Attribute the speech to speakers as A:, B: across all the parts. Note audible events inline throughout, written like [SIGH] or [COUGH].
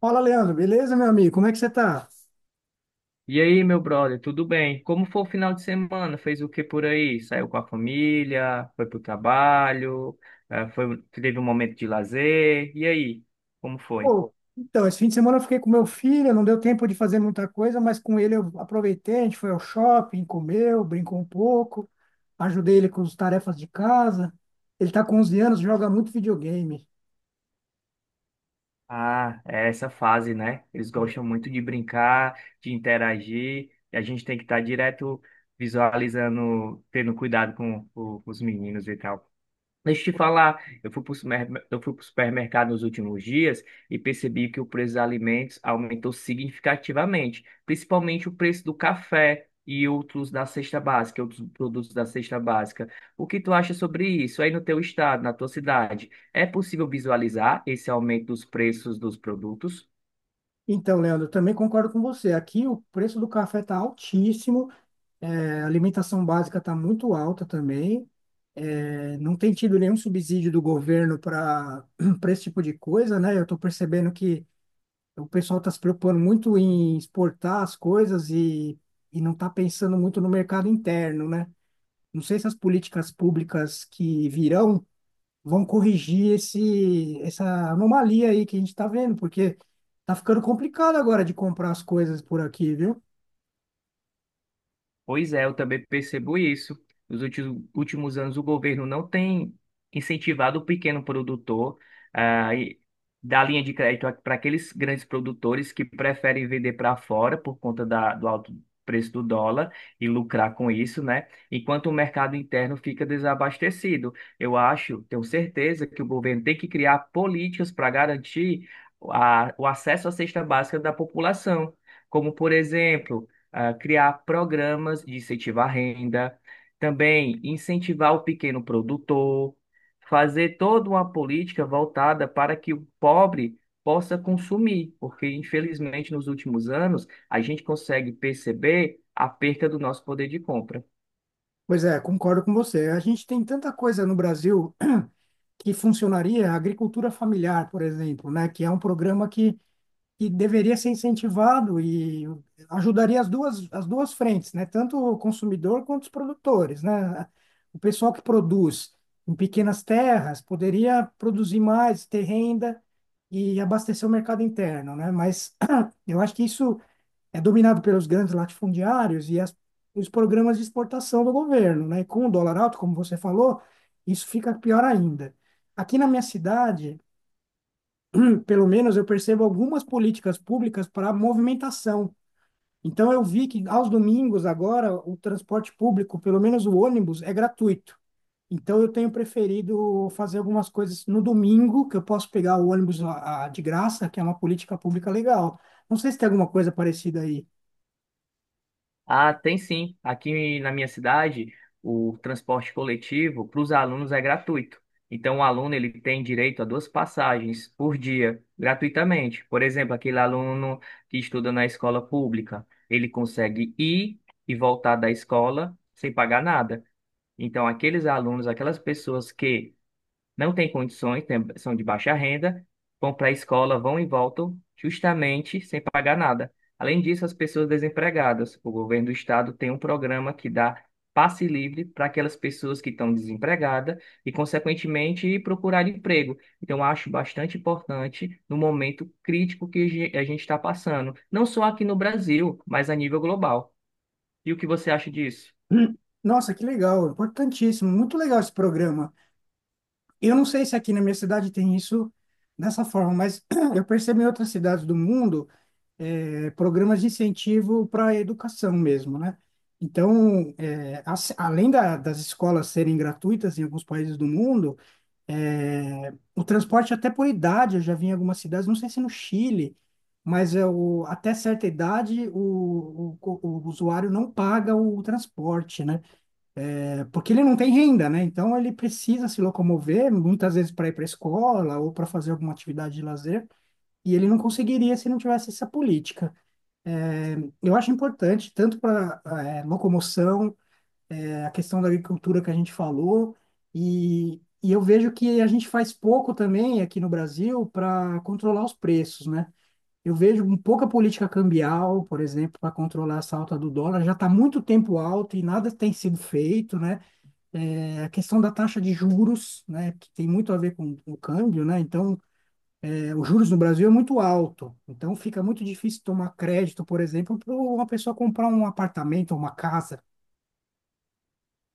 A: Fala, Leandro, beleza, meu amigo? Como é que você tá?
B: E aí, meu brother, tudo bem? Como foi o final de semana? Fez o que por aí? Saiu com a família? Foi pro trabalho? Teve um momento de lazer? E aí, como foi?
A: Pô, então, esse fim de semana eu fiquei com meu filho, não deu tempo de fazer muita coisa, mas com ele eu aproveitei, a gente foi ao shopping, comeu, brincou um pouco, ajudei ele com as tarefas de casa. Ele tá com 11 anos, joga muito videogame.
B: Ah, é essa fase, né? Eles
A: É.
B: gostam muito de brincar, de interagir, e a gente tem que estar direto visualizando, tendo cuidado com os meninos e tal. Deixa eu te falar, eu fui para o supermercado nos últimos dias e percebi que o preço dos alimentos aumentou significativamente, principalmente o preço do café e outros da cesta básica, outros produtos da cesta básica. O que tu acha sobre isso aí no teu estado, na tua cidade? É possível visualizar esse aumento dos preços dos produtos?
A: Então, Leandro, eu também concordo com você. Aqui o preço do café tá altíssimo, é, a alimentação básica tá muito alta também. É, não tem tido nenhum subsídio do governo para [CLEARS THROAT] para esse tipo de coisa, né? Eu estou percebendo que o pessoal está se preocupando muito em exportar as coisas e não está pensando muito no mercado interno, né? Não sei se as políticas públicas que virão vão corrigir essa anomalia aí que a gente está vendo, porque tá ficando complicado agora de comprar as coisas por aqui, viu?
B: Pois é, eu também percebo isso. Nos últimos anos, o governo não tem incentivado o pequeno produtor a dar linha de crédito para aqueles grandes produtores que preferem vender para fora por conta do alto preço do dólar e lucrar com isso, né? Enquanto o mercado interno fica desabastecido. Eu acho, tenho certeza que o governo tem que criar políticas para garantir o acesso à cesta básica da população. Como, por exemplo, ah, criar programas de incentivar à renda, também incentivar o pequeno produtor, fazer toda uma política voltada para que o pobre possa consumir, porque infelizmente nos últimos anos a gente consegue perceber a perca do nosso poder de compra.
A: Pois é, concordo com você. A gente tem tanta coisa no Brasil que funcionaria, a agricultura familiar, por exemplo, né? Que é um programa que deveria ser incentivado e ajudaria as duas frentes, né? Tanto o consumidor quanto os produtores, né? O pessoal que produz em pequenas terras poderia produzir mais, ter renda e abastecer o mercado interno, né? Mas [CLEARS THROAT] eu acho que isso é dominado pelos grandes latifundiários e os programas de exportação do governo, né? E com o dólar alto, como você falou, isso fica pior ainda. Aqui na minha cidade, pelo menos eu percebo algumas políticas públicas para movimentação. Então eu vi que aos domingos agora o transporte público, pelo menos o ônibus, é gratuito. Então eu tenho preferido fazer algumas coisas no domingo, que eu posso pegar o ônibus de graça, que é uma política pública legal. Não sei se tem alguma coisa parecida aí. [CLEARS THROAT]
B: Ah, tem sim. Aqui na minha cidade, o transporte coletivo para os alunos é gratuito. Então, o aluno ele tem direito a duas passagens por dia, gratuitamente. Por exemplo, aquele aluno que estuda na escola pública, ele consegue ir e voltar da escola sem pagar nada. Então, aqueles alunos, aquelas pessoas que não têm condições, são de baixa renda, vão para a escola, vão e voltam, justamente sem pagar nada. Além disso, as pessoas desempregadas. O governo do estado tem um programa que dá passe livre para aquelas pessoas que estão desempregadas e, consequentemente, procurar emprego. Então, eu acho bastante importante no momento crítico que a gente está passando, não só aqui no Brasil, mas a nível global. E o que você acha disso?
A: Hum. Nossa, que legal, importantíssimo, muito legal esse programa. Eu não sei se aqui na minha cidade tem isso dessa forma, mas [CLEARS THROAT] eu percebo em outras cidades do mundo programas de incentivo para a educação mesmo, né? Então, das escolas serem gratuitas em alguns países do mundo, o transporte até por idade, eu já vi em algumas cidades, não sei se no Chile, mas é o, até certa idade o usuário não paga o transporte, né? Porque ele não tem renda, né? Então ele precisa se locomover, muitas vezes para ir para a escola ou para fazer alguma atividade de lazer, e ele não conseguiria se não tivesse essa política. É, eu acho importante, tanto para locomoção, é, a questão da agricultura que a gente falou, e eu vejo que a gente faz pouco também aqui no Brasil para controlar os preços, né? Eu vejo um pouca política cambial, por exemplo, para controlar essa alta do dólar, já está muito tempo alto e nada tem sido feito, né? É, a questão da taxa de juros, né, que tem muito a ver com o câmbio, né? Então, os juros no Brasil é muito alto, então fica muito difícil tomar crédito, por exemplo, para uma pessoa comprar um apartamento, uma casa.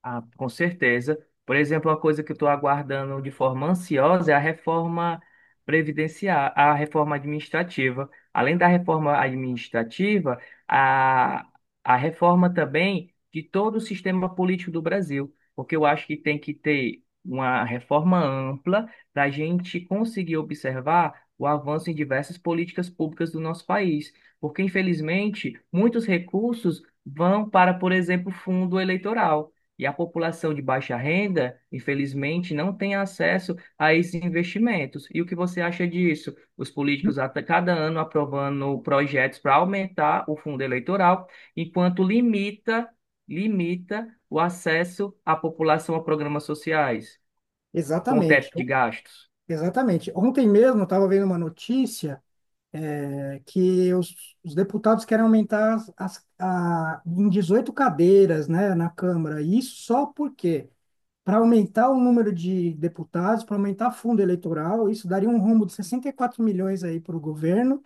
B: Ah, com certeza. Por exemplo, uma coisa que eu estou aguardando de forma ansiosa é a reforma previdenciária, a reforma administrativa. Além da reforma administrativa, a, a reforma também de todo o sistema político do Brasil, porque eu acho que tem que ter uma reforma ampla para a gente conseguir observar o avanço em diversas políticas públicas do nosso país, porque infelizmente muitos recursos vão para, por exemplo, fundo eleitoral. E a população de baixa renda, infelizmente, não tem acesso a esses investimentos. E o que você acha disso? Os políticos a cada ano aprovando projetos para aumentar o fundo eleitoral, enquanto limita o acesso à população a programas sociais, com o
A: Exatamente,
B: teto de gastos.
A: exatamente. Ontem mesmo eu estava vendo uma notícia que os deputados querem aumentar em 18 cadeiras, né, na Câmara. E isso só porque, para aumentar o número de deputados, para aumentar fundo eleitoral, isso daria um rombo de 64 milhões aí para o governo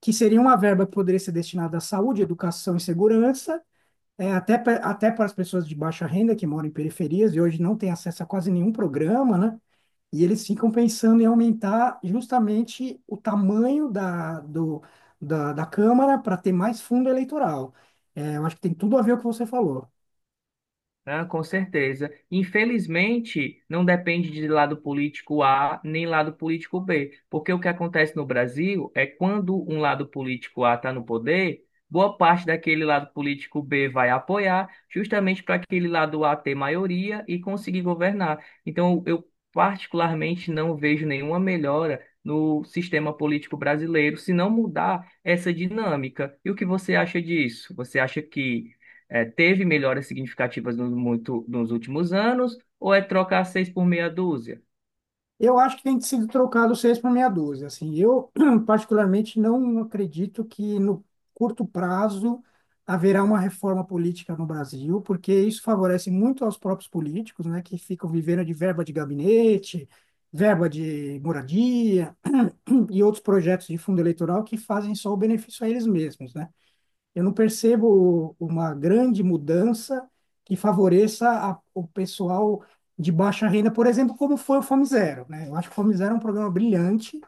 A: que seria uma verba que poderia ser destinada à saúde, educação e segurança. Até para as pessoas de baixa renda que moram em periferias e hoje não têm acesso a quase nenhum programa, né? E eles ficam pensando em aumentar justamente o tamanho da Câmara para ter mais fundo eleitoral. É, eu acho que tem tudo a ver com o que você falou.
B: Ah, com certeza. Infelizmente, não depende de lado político A nem lado político B, porque o que acontece no Brasil é quando um lado político A está no poder, boa parte daquele lado político B vai apoiar, justamente para aquele lado A ter maioria e conseguir governar. Então, eu particularmente não vejo nenhuma melhora no sistema político brasileiro se não mudar essa dinâmica. E o que você acha disso? Você acha que teve melhoras significativas no muito, nos últimos anos, ou é trocar seis por meia dúzia?
A: Eu acho que tem que ser trocado seis por meia dúzia. Assim, eu [CLEARS THROAT] particularmente não acredito que no curto prazo haverá uma reforma política no Brasil, porque isso favorece muito aos próprios políticos, né, que ficam vivendo de verba de gabinete, verba de moradia e outros projetos de fundo eleitoral que fazem só o benefício a eles mesmos, né? Eu não percebo uma grande mudança que favoreça o pessoal de baixa renda, por exemplo, como foi o Fome Zero, né? Eu acho que o Fome Zero é um programa brilhante,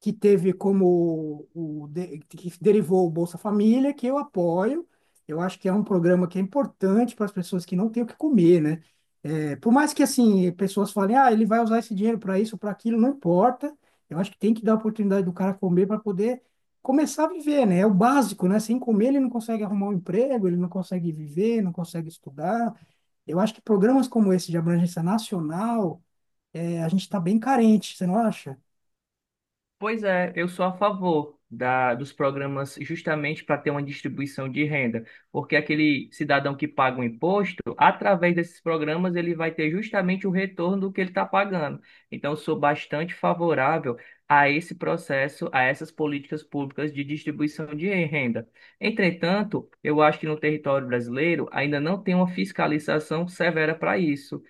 A: que teve como que derivou o Bolsa Família, que eu apoio. Eu acho que é um programa que é importante para as pessoas que não têm o que comer, né? É, por mais que assim pessoas falem, ah, ele vai usar esse dinheiro para isso, para aquilo, não importa. Eu acho que tem que dar a oportunidade do cara comer para poder começar a viver, né? É o básico, né? Sem comer ele não consegue arrumar um emprego, ele não consegue viver, não consegue estudar. Eu acho que programas como esse de abrangência nacional, é, a gente está bem carente, você não acha?
B: Pois é, eu sou a favor dos programas justamente para ter uma distribuição de renda, porque aquele cidadão que paga o imposto, através desses programas, ele vai ter justamente o retorno do que ele está pagando. Então, eu sou bastante favorável a esse processo, a essas políticas públicas de distribuição de renda. Entretanto, eu acho que no território brasileiro ainda não tem uma fiscalização severa para isso.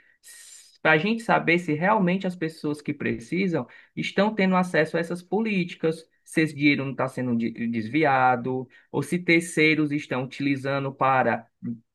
B: Para a gente saber se realmente as pessoas que precisam estão tendo acesso a essas políticas, se esse dinheiro não está sendo desviado, ou se terceiros estão utilizando para,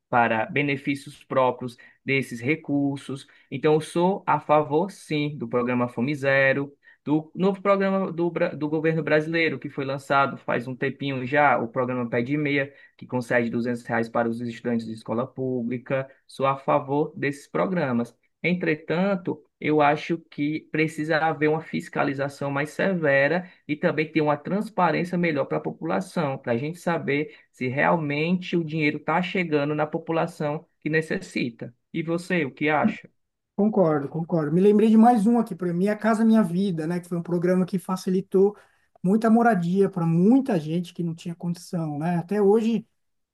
B: para benefícios próprios desses recursos. Então, eu sou a favor, sim, do programa Fome Zero, do novo programa do governo brasileiro, que foi lançado faz um tempinho já, o programa Pé de Meia, que concede R$ 200 para os estudantes de escola pública. Sou a favor desses programas. Entretanto, eu acho que precisa haver uma fiscalização mais severa e também ter uma transparência melhor para a população, para a gente saber se realmente o dinheiro está chegando na população que necessita. E você, o que acha?
A: Concordo, concordo. Me lembrei de mais um aqui para Minha Casa Minha Vida, né? Que foi um programa que facilitou muita moradia para muita gente que não tinha condição, né? Até hoje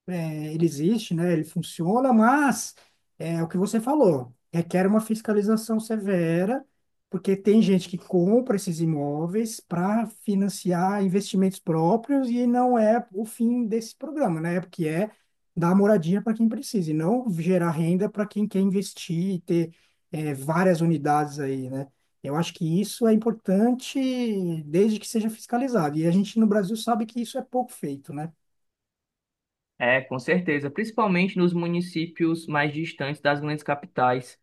A: é, ele existe, né? Ele funciona, mas é o que você falou, requer uma fiscalização severa, porque tem gente que compra esses imóveis para financiar investimentos próprios e não é o fim desse programa, né? Porque é dar moradia para quem precisa e não gerar renda para quem quer investir e ter é, várias unidades aí, né? Eu acho que isso é importante desde que seja fiscalizado. E a gente no Brasil sabe que isso é pouco feito, né?
B: É, com certeza, principalmente nos municípios mais distantes das grandes capitais.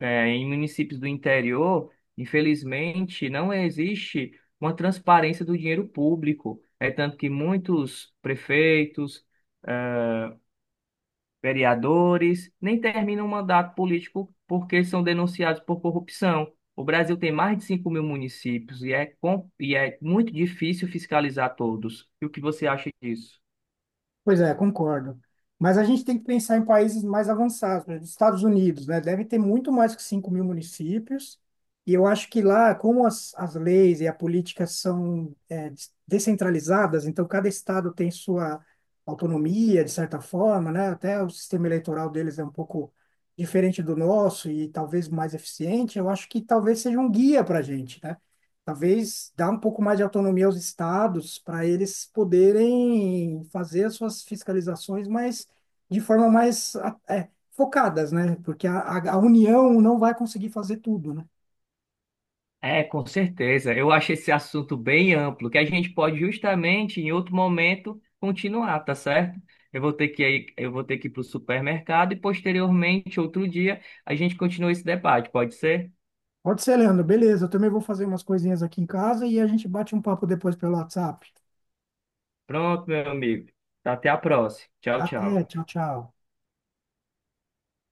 B: É, em municípios do interior, infelizmente, não existe uma transparência do dinheiro público. É tanto que muitos prefeitos vereadores, nem terminam um mandato político porque são denunciados por corrupção. O Brasil tem mais de 5 mil municípios e é, e é muito difícil fiscalizar todos. E o que você acha disso?
A: Pois é, concordo. Mas a gente tem que pensar em países mais avançados, por exemplo, Estados Unidos, né? Deve ter muito mais que 5 mil municípios. E eu acho que lá, como as leis e a política são descentralizadas, então cada estado tem sua autonomia, de certa forma, né? Até o sistema eleitoral deles é um pouco diferente do nosso e talvez mais eficiente. Eu acho que talvez seja um guia para a gente, né? Talvez dar um pouco mais de autonomia aos estados para eles poderem fazer as suas fiscalizações, mas de forma mais é, focadas, né? Porque a União não vai conseguir fazer tudo, né?
B: É, com certeza. Eu acho esse assunto bem amplo, que a gente pode justamente, em outro momento, continuar, tá certo? Eu vou ter que ir, eu vou ter que ir para o supermercado e, posteriormente, outro dia, a gente continua esse debate, pode ser?
A: Pode ser, Leandro. Beleza, eu também vou fazer umas coisinhas aqui em casa e a gente bate um papo depois pelo WhatsApp.
B: Pronto, meu amigo. Até a próxima. Tchau,
A: Até,
B: tchau.
A: tchau, tchau.